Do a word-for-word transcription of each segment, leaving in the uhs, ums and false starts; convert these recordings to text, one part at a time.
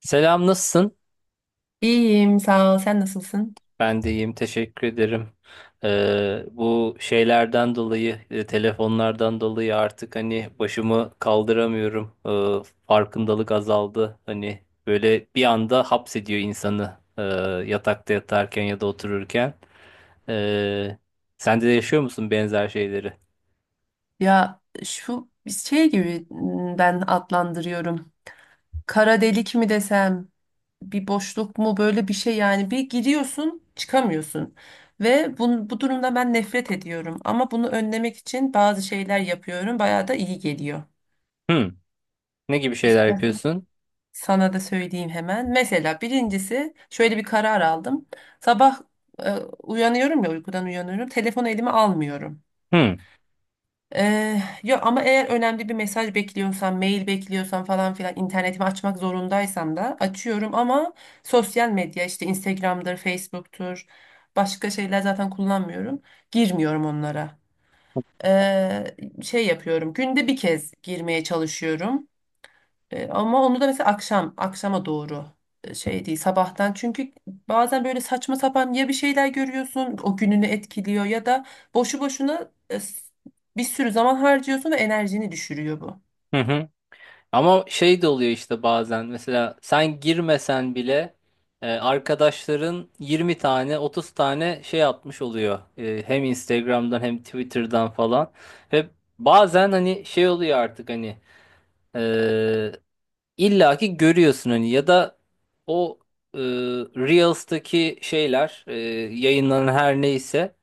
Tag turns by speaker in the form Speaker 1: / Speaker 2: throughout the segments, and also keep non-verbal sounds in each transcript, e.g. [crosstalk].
Speaker 1: Selam nasılsın?
Speaker 2: İyiyim, sağ ol. Sen nasılsın?
Speaker 1: Ben de iyiyim, teşekkür ederim. Ee, bu şeylerden dolayı e, telefonlardan dolayı artık hani başımı kaldıramıyorum. Ee, farkındalık azaldı. Hani böyle bir anda hapsediyor insanı e, yatakta yatarken ya da otururken. Ee, Sen de yaşıyor musun benzer şeyleri?
Speaker 2: Ya şu şey gibi m, ben adlandırıyorum. Kara delik mi desem, bir boşluk mu, böyle bir şey yani, bir giriyorsun, çıkamıyorsun. Ve bu, bu durumda ben nefret ediyorum. Ama bunu önlemek için bazı şeyler yapıyorum. Bayağı da iyi geliyor.
Speaker 1: Hmm. Ne gibi şeyler
Speaker 2: İstersen
Speaker 1: yapıyorsun?
Speaker 2: sana da söyleyeyim hemen. Mesela birincisi şöyle bir karar aldım. Sabah e, uyanıyorum, ya uykudan uyanıyorum. Telefonu elime almıyorum.
Speaker 1: Hmm.
Speaker 2: Ee, yok, ama eğer önemli bir mesaj bekliyorsam, mail bekliyorsam falan filan, internetimi açmak zorundaysam da açıyorum, ama sosyal medya, işte Instagram'dır, Facebook'tur, başka şeyler zaten kullanmıyorum. Girmiyorum onlara. Ee, Şey yapıyorum, günde bir kez girmeye çalışıyorum. E, ama onu da mesela akşam, akşama doğru, e, şey değil sabahtan. Çünkü bazen böyle saçma sapan ya bir şeyler görüyorsun, o gününü etkiliyor, ya da boşu boşuna e, s- bir sürü zaman harcıyorsun ve enerjini düşürüyor bu.
Speaker 1: Hı hı. Ama şey de oluyor işte, bazen mesela sen girmesen bile e, arkadaşların yirmi tane otuz tane şey atmış oluyor. E, hem Instagram'dan hem Twitter'dan falan. Ve bazen hani şey oluyor artık, hani e, illaki görüyorsun hani, ya da o e, Reels'taki şeyler e, yayınlanan her neyse,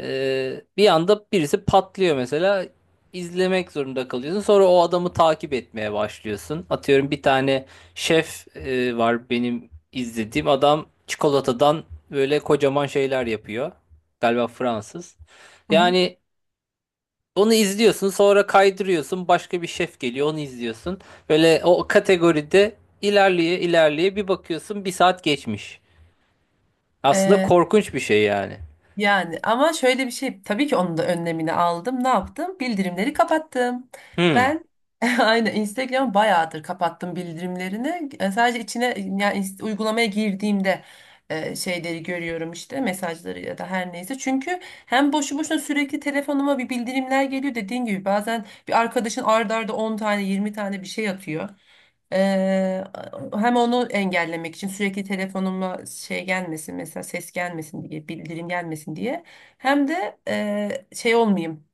Speaker 1: ee, bir anda birisi patlıyor mesela, izlemek zorunda kalıyorsun. Sonra o adamı takip etmeye başlıyorsun. Atıyorum, bir tane şef e, var benim izlediğim adam, çikolatadan böyle kocaman şeyler yapıyor. Galiba Fransız.
Speaker 2: Hı
Speaker 1: Yani onu izliyorsun, sonra kaydırıyorsun, başka bir şef geliyor, onu izliyorsun. Böyle o kategoride ilerleye ilerleye bir bakıyorsun bir saat geçmiş. Aslında
Speaker 2: hı.
Speaker 1: korkunç bir şey yani.
Speaker 2: Yani ama şöyle bir şey, tabii ki onun da önlemini aldım. Ne yaptım? Bildirimleri kapattım.
Speaker 1: Hmm.
Speaker 2: Ben [laughs] aynen, Instagram bayağıdır kapattım bildirimlerini. E, Sadece içine, yani ins- uygulamaya girdiğimde e, şeyleri görüyorum, işte mesajları ya da her neyse. Çünkü hem boşu boşuna sürekli telefonuma bir bildirimler geliyor, dediğin gibi bazen bir arkadaşın arda arda on tane yirmi tane bir şey atıyor. Ee, Hem onu engellemek için, sürekli telefonuma şey gelmesin mesela, ses gelmesin diye, bildirim gelmesin diye, hem de eee, şey olmayayım,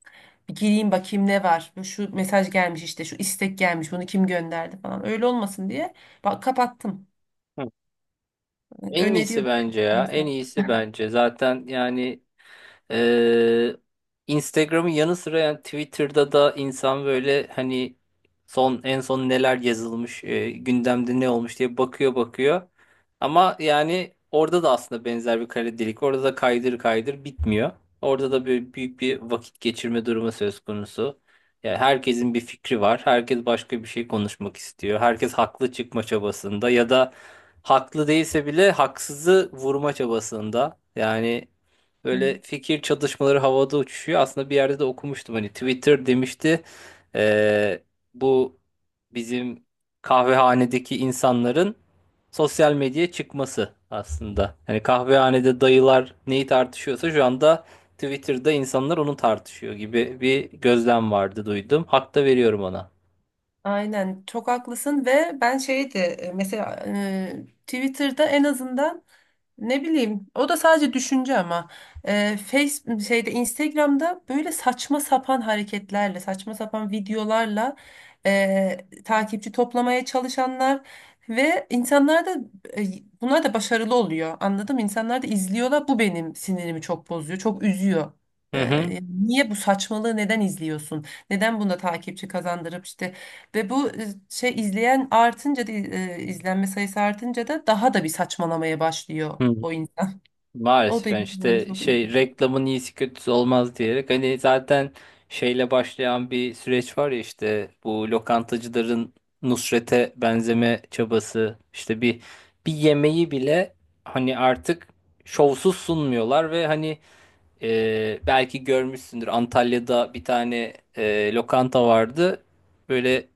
Speaker 2: bir gireyim bakayım ne var, bu şu mesaj gelmiş, işte şu istek gelmiş, bunu kim gönderdi falan, öyle olmasın diye bak, kapattım.
Speaker 1: En iyisi
Speaker 2: Öneriyorum
Speaker 1: bence ya. En
Speaker 2: ben.
Speaker 1: iyisi bence. Zaten yani, ee, Instagram'ın yanı sıra yani Twitter'da da insan böyle hani son en son neler yazılmış, e, gündemde ne olmuş diye bakıyor bakıyor. Ama yani orada da aslında benzer bir kare. Orada da kaydır kaydır bitmiyor. Orada da böyle büyük bir vakit geçirme durumu söz konusu. Yani herkesin bir fikri var. Herkes başka bir şey konuşmak istiyor. Herkes haklı çıkma çabasında, ya da haklı değilse bile haksızı vurma çabasında. Yani böyle fikir çatışmaları havada uçuşuyor. Aslında bir yerde de okumuştum. Hani Twitter demişti, eee, bu bizim kahvehanedeki insanların sosyal medyaya çıkması aslında. Hani kahvehanede dayılar neyi tartışıyorsa şu anda Twitter'da insanlar onu tartışıyor gibi bir gözlem vardı, duydum. Hak da veriyorum ona.
Speaker 2: Aynen, çok haklısın. Ve ben şeydi, e, mesela e, Twitter'da en azından, ne bileyim, o da sadece düşünce. Ama e, Face şeyde, Instagram'da böyle saçma sapan hareketlerle, saçma sapan videolarla e, takipçi toplamaya çalışanlar ve insanlar da e, bunlar da başarılı oluyor, anladım mı? İnsanlar da izliyorlar. Bu benim sinirimi çok bozuyor, çok üzüyor.
Speaker 1: Hı hı.
Speaker 2: E, niye bu saçmalığı neden izliyorsun? Neden buna takipçi kazandırıp işte, ve bu e, şey, izleyen artınca da e, izlenme sayısı artınca da daha da bir saçmalamaya başlıyor
Speaker 1: Hı.
Speaker 2: o insan. [laughs] O da
Speaker 1: Maalesef yani,
Speaker 2: insanı
Speaker 1: işte
Speaker 2: çok üzüyor.
Speaker 1: şey, reklamın iyisi kötüsü olmaz diyerek hani, zaten şeyle başlayan bir süreç var ya, işte bu lokantacıların Nusret'e benzeme çabası, işte bir bir yemeği bile hani artık şovsuz sunmuyorlar, ve hani e, belki görmüşsündür, Antalya'da bir tane e, lokanta vardı, böyle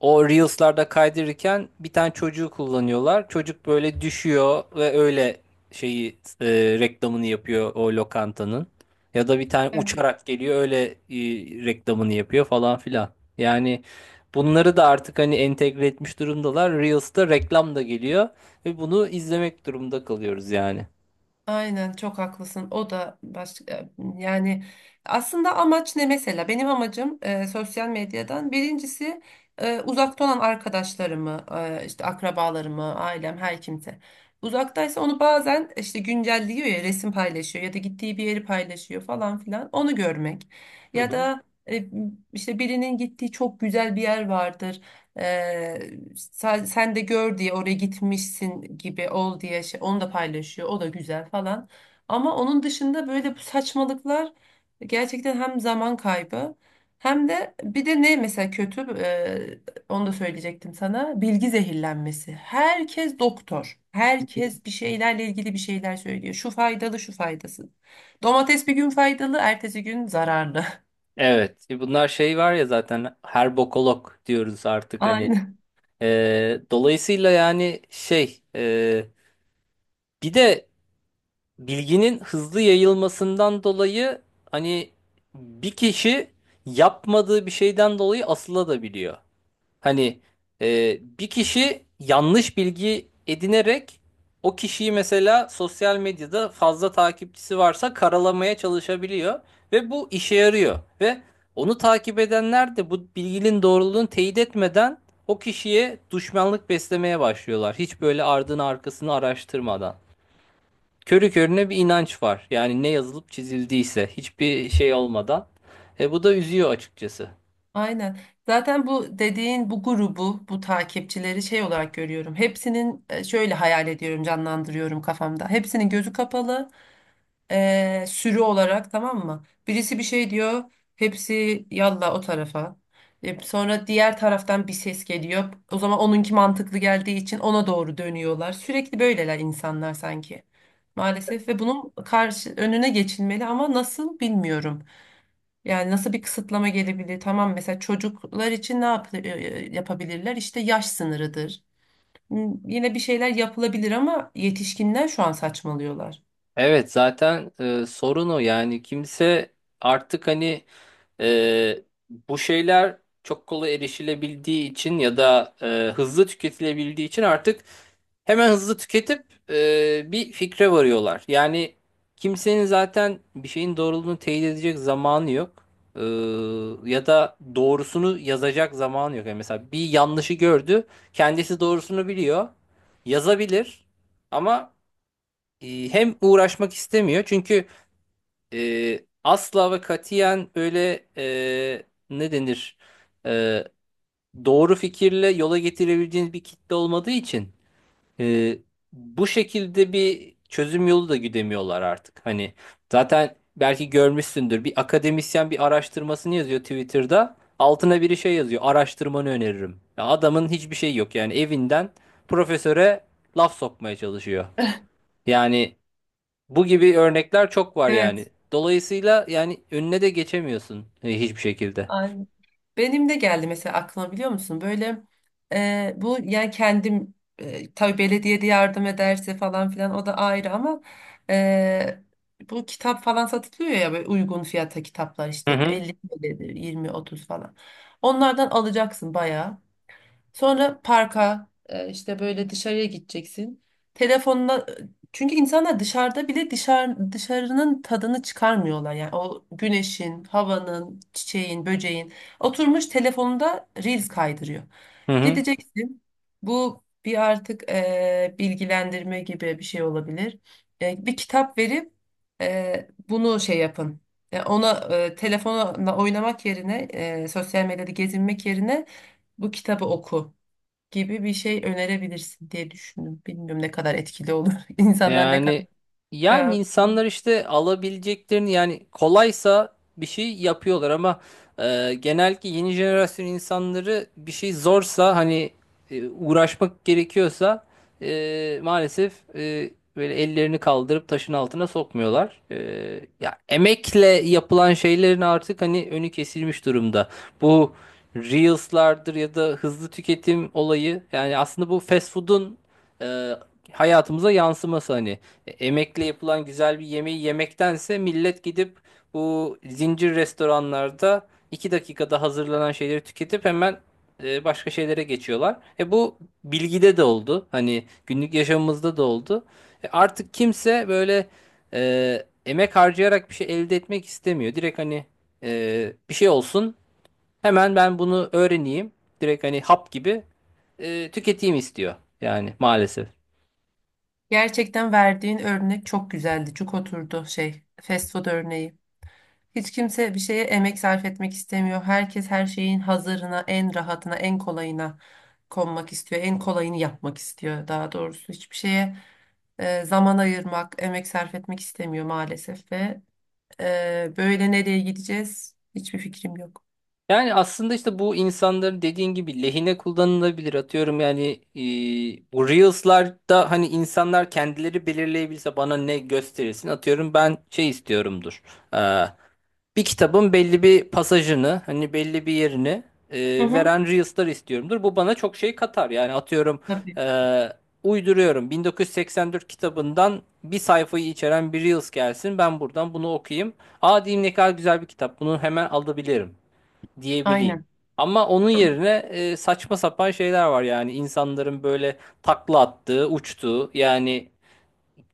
Speaker 1: o Reels'larda kaydırırken, bir tane çocuğu kullanıyorlar. Çocuk böyle düşüyor ve öyle şeyi e, reklamını yapıyor o lokantanın. Ya da bir tane
Speaker 2: Evet.
Speaker 1: uçarak geliyor, öyle e, reklamını yapıyor falan filan. Yani bunları da artık hani entegre etmiş durumdalar. Reels'ta reklam da geliyor ve bunu izlemek durumunda kalıyoruz yani.
Speaker 2: Aynen, çok haklısın. O da başka, yani aslında amaç ne mesela? Benim amacım e, sosyal medyadan birincisi e, uzakta olan arkadaşlarımı, e, işte akrabalarımı, ailem, her kimse, uzaktaysa, onu bazen işte güncelliyor, ya resim paylaşıyor ya da gittiği bir yeri paylaşıyor falan filan, onu görmek.
Speaker 1: Hı
Speaker 2: Ya
Speaker 1: hı.
Speaker 2: da e, işte birinin gittiği çok güzel bir yer vardır. Ee, sen, sen de gör diye, oraya gitmişsin gibi ol diye şey, onu da paylaşıyor. O da güzel falan. Ama onun dışında böyle bu saçmalıklar gerçekten hem zaman kaybı, hem de bir de ne mesela, kötü e, onu da söyleyecektim sana: bilgi zehirlenmesi. Herkes doktor. Herkes bir şeylerle ilgili bir şeyler söylüyor. Şu faydalı, şu faydasız. Domates bir gün faydalı, ertesi gün zararlı.
Speaker 1: Evet, e, bunlar şey var ya, zaten her bokolog diyoruz
Speaker 2: [laughs]
Speaker 1: artık hani.
Speaker 2: Aynen.
Speaker 1: E, dolayısıyla yani şey, e, bir de bilginin hızlı yayılmasından dolayı hani bir kişi yapmadığı bir şeyden dolayı asılabiliyor. Hani e, bir kişi yanlış bilgi edinerek o kişiyi, mesela sosyal medyada fazla takipçisi varsa, karalamaya çalışabiliyor ve bu işe yarıyor, ve onu takip edenler de bu bilginin doğruluğunu teyit etmeden o kişiye düşmanlık beslemeye başlıyorlar. Hiç böyle ardını arkasını araştırmadan körü körüne bir inanç var. Yani ne yazılıp çizildiyse, hiçbir şey olmadan. E, bu da üzüyor açıkçası.
Speaker 2: Aynen. Zaten bu dediğin, bu grubu, bu takipçileri şey olarak görüyorum. Hepsinin e, şöyle hayal ediyorum, canlandırıyorum kafamda: hepsinin gözü kapalı, e, sürü olarak, tamam mı? Birisi bir şey diyor, hepsi yalla o tarafa. E, sonra diğer taraftan bir ses geliyor, o zaman onunki mantıklı geldiği için ona doğru dönüyorlar. Sürekli böyleler insanlar sanki. Maalesef. Ve bunun karşı önüne geçilmeli, ama nasıl bilmiyorum. Yani nasıl bir kısıtlama gelebilir? Tamam, mesela çocuklar için ne yap- e, yapabilirler? İşte yaş sınırıdır. Hmm, Yine bir şeyler yapılabilir, ama yetişkinler şu an saçmalıyorlar.
Speaker 1: Evet, zaten e, sorun o yani, kimse artık hani, Ee, bu şeyler çok kolay erişilebildiği için, ya da e, hızlı tüketilebildiği için, artık hemen hızlı tüketip e, bir fikre varıyorlar. Yani kimsenin zaten bir şeyin doğruluğunu teyit edecek zamanı yok. Ee, ya da doğrusunu yazacak zamanı yok. Yani mesela bir yanlışı gördü, kendisi doğrusunu biliyor, yazabilir, ama e, hem uğraşmak istemiyor, çünkü e, asla ve katiyen öyle, e, ne denir, E, doğru fikirle yola getirebileceğiniz bir kitle olmadığı için, e, bu şekilde bir çözüm yolu da güdemiyorlar artık. Hani zaten belki görmüşsündür, bir akademisyen bir araştırmasını yazıyor Twitter'da, altına biri şey yazıyor, araştırmanı öneririm. Ya adamın hiçbir şey yok yani, evinden profesöre laf sokmaya çalışıyor. Yani bu gibi örnekler çok var
Speaker 2: Evet.
Speaker 1: yani. Dolayısıyla yani önüne de geçemiyorsun e, hiçbir şekilde.
Speaker 2: Aynen. Benim de geldi mesela aklıma, biliyor musun? Böyle e, bu, yani kendim, e, tabii belediye de yardım ederse falan filan, o da ayrı, ama e, bu kitap falan satılıyor ya, böyle uygun fiyata kitaplar,
Speaker 1: Hı
Speaker 2: işte
Speaker 1: hı.
Speaker 2: elli T L'dir, yirmi otuza falan. Onlardan alacaksın bayağı. Sonra parka e, işte böyle dışarıya gideceksin. Telefonla, çünkü insanlar dışarıda bile dışarı, dışarının tadını çıkarmıyorlar. Yani o güneşin, havanın, çiçeğin, böceğin. Oturmuş telefonunda reels kaydırıyor.
Speaker 1: Hı hı.
Speaker 2: Gideceksin. Bu bir artık e, bilgilendirme gibi bir şey olabilir. E, bir kitap verip e, bunu şey yapın. E, ona e, telefonla oynamak yerine, e, sosyal medyada gezinmek yerine bu kitabı oku gibi bir şey önerebilirsin diye düşündüm. Bilmiyorum ne kadar etkili olur. [laughs] İnsanlar ne kadar
Speaker 1: Yani, yani
Speaker 2: cevap.
Speaker 1: insanlar işte alabileceklerini, yani kolaysa bir şey yapıyorlar, ama e, genellikle yeni jenerasyon insanları, bir şey zorsa hani, e, uğraşmak gerekiyorsa, e, maalesef e, böyle ellerini kaldırıp taşın altına sokmuyorlar. E, ya emekle yapılan şeylerin artık hani önü kesilmiş durumda. Bu Reels'lardır ya da hızlı tüketim olayı, yani aslında bu fast food'un e, hayatımıza yansıması hani. E, emekle yapılan güzel bir yemeği yemektense, millet gidip bu zincir restoranlarda iki dakikada hazırlanan şeyleri tüketip hemen e, başka şeylere geçiyorlar. E, bu bilgide de oldu. Hani günlük yaşamımızda da oldu. E, artık kimse böyle e, emek harcayarak bir şey elde etmek istemiyor. Direkt hani e, bir şey olsun, hemen ben bunu öğreneyim. Direkt hani hap gibi e, tüketeyim istiyor. Yani maalesef.
Speaker 2: Gerçekten verdiğin örnek çok güzeldi. Çok oturdu şey, fast food örneği. Hiç kimse bir şeye emek sarf etmek istemiyor. Herkes her şeyin hazırına, en rahatına, en kolayına konmak istiyor. En kolayını yapmak istiyor, daha doğrusu. Hiçbir şeye e, zaman ayırmak, emek sarf etmek istemiyor maalesef. Ve e, böyle nereye gideceğiz? Hiçbir fikrim yok.
Speaker 1: Yani aslında işte bu insanların, dediğin gibi, lehine kullanılabilir. Atıyorum yani, e, bu Reels'larda hani insanlar kendileri belirleyebilse bana ne gösterilsin, atıyorum ben şey istiyorumdur. Ee, bir kitabın belli bir pasajını, hani belli bir yerini
Speaker 2: Hı
Speaker 1: e,
Speaker 2: hı.
Speaker 1: veren Reels'lar istiyorumdur. Bu bana çok şey katar. Yani atıyorum,
Speaker 2: Tabii.
Speaker 1: e, uyduruyorum, bin dokuz yüz seksen dört kitabından bir sayfayı içeren bir Reels gelsin. Ben buradan bunu okuyayım. Aa diyeyim, ne kadar güzel bir kitap, bunu hemen alabilirim diyebileyim.
Speaker 2: Aynen.
Speaker 1: Ama onun yerine e, saçma sapan şeyler var, yani insanların böyle takla attığı, uçtuğu, yani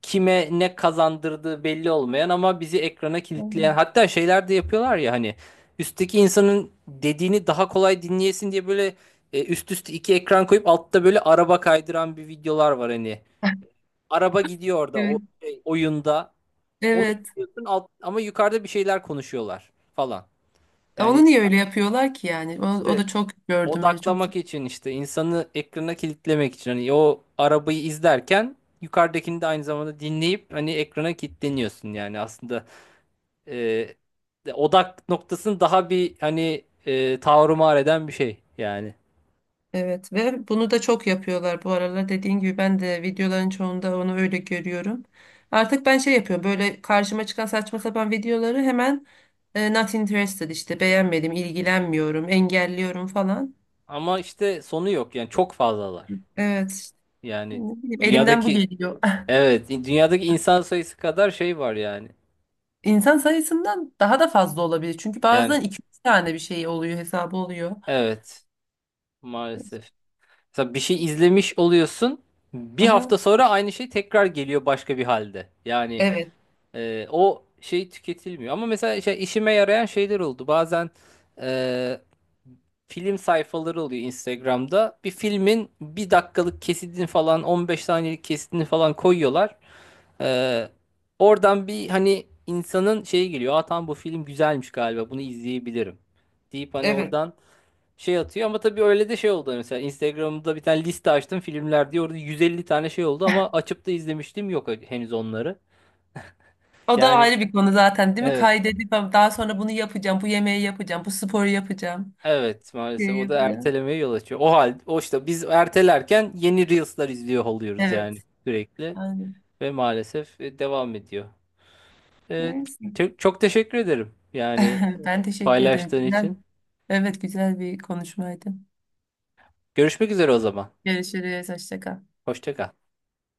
Speaker 1: kime ne kazandırdığı belli olmayan ama bizi ekrana kilitleyen,
Speaker 2: Aynen.
Speaker 1: hatta şeyler de yapıyorlar ya hani, üstteki insanın dediğini daha kolay dinleyesin diye böyle e, üst üste iki ekran koyup altta böyle araba kaydıran bir videolar var hani. Araba gidiyor orada o
Speaker 2: Evet.
Speaker 1: şey, oyunda. Onu
Speaker 2: Evet.
Speaker 1: izliyorsun alt, ama yukarıda bir şeyler konuşuyorlar falan. Yani
Speaker 2: Onu niye öyle yapıyorlar ki yani? O, o
Speaker 1: işte
Speaker 2: da çok gördüm, öyle çok.
Speaker 1: odaklamak için, işte insanı ekrana kilitlemek için, hani o arabayı izlerken yukarıdakini de aynı zamanda dinleyip hani ekrana kilitleniyorsun yani, aslında e, de- odak noktasını daha bir hani e, tavrımar eden bir şey yani.
Speaker 2: Evet, ve bunu da çok yapıyorlar bu aralar. Dediğin gibi ben de videoların çoğunda onu öyle görüyorum. Artık ben şey yapıyorum: böyle karşıma çıkan saçma sapan videoları hemen e, not interested, işte beğenmedim, ilgilenmiyorum, engelliyorum falan.
Speaker 1: Ama işte sonu yok yani, çok fazlalar
Speaker 2: Evet, işte,
Speaker 1: yani,
Speaker 2: ne bileyim, elimden bu
Speaker 1: dünyadaki,
Speaker 2: geliyor.
Speaker 1: evet dünyadaki insan sayısı kadar şey var yani,
Speaker 2: [laughs] İnsan sayısından daha da fazla olabilir. Çünkü
Speaker 1: yani
Speaker 2: bazen iki üç tane bir şey oluyor, hesabı oluyor.
Speaker 1: evet maalesef. Mesela bir şey izlemiş oluyorsun. Bir
Speaker 2: Aha.
Speaker 1: hafta sonra aynı şey tekrar geliyor başka bir halde. Yani
Speaker 2: Evet.
Speaker 1: e, o şey tüketilmiyor. Ama mesela şey, işime yarayan şeyler oldu. Bazen e, film sayfaları oluyor Instagram'da. Bir filmin bir dakikalık kesitini falan, on beş saniyelik kesitini falan koyuyorlar. E, oradan bir hani insanın şeyi geliyor. Aa tamam, bu film güzelmiş, galiba bunu izleyebilirim deyip hani
Speaker 2: Evet.
Speaker 1: oradan şey atıyor. Ama tabii öyle de şey oldu, mesela Instagram'da bir tane liste açtım filmler diye, orada yüz elli tane şey oldu ama açıp da izlemiştim yok henüz onları.
Speaker 2: O da
Speaker 1: Yani
Speaker 2: ayrı bir konu zaten, değil mi?
Speaker 1: evet,
Speaker 2: Kaydedip daha sonra bunu yapacağım, bu yemeği yapacağım, bu sporu yapacağım,
Speaker 1: evet maalesef
Speaker 2: şey
Speaker 1: o da
Speaker 2: yapacağım.
Speaker 1: ertelemeye yol açıyor. O hal o işte, biz ertelerken yeni Reels'lar izliyor oluyoruz
Speaker 2: Evet,
Speaker 1: yani, sürekli
Speaker 2: aynen.
Speaker 1: ve maalesef e, devam ediyor. Evet,
Speaker 2: Neyse.
Speaker 1: çok, çok teşekkür ederim yani
Speaker 2: [laughs] Ben teşekkür ederim.
Speaker 1: paylaştığın
Speaker 2: Güzel.
Speaker 1: için.
Speaker 2: Evet, güzel bir konuşmaydı.
Speaker 1: Görüşmek üzere o zaman.
Speaker 2: Görüşürüz, hoşça kal.
Speaker 1: Hoşça kal.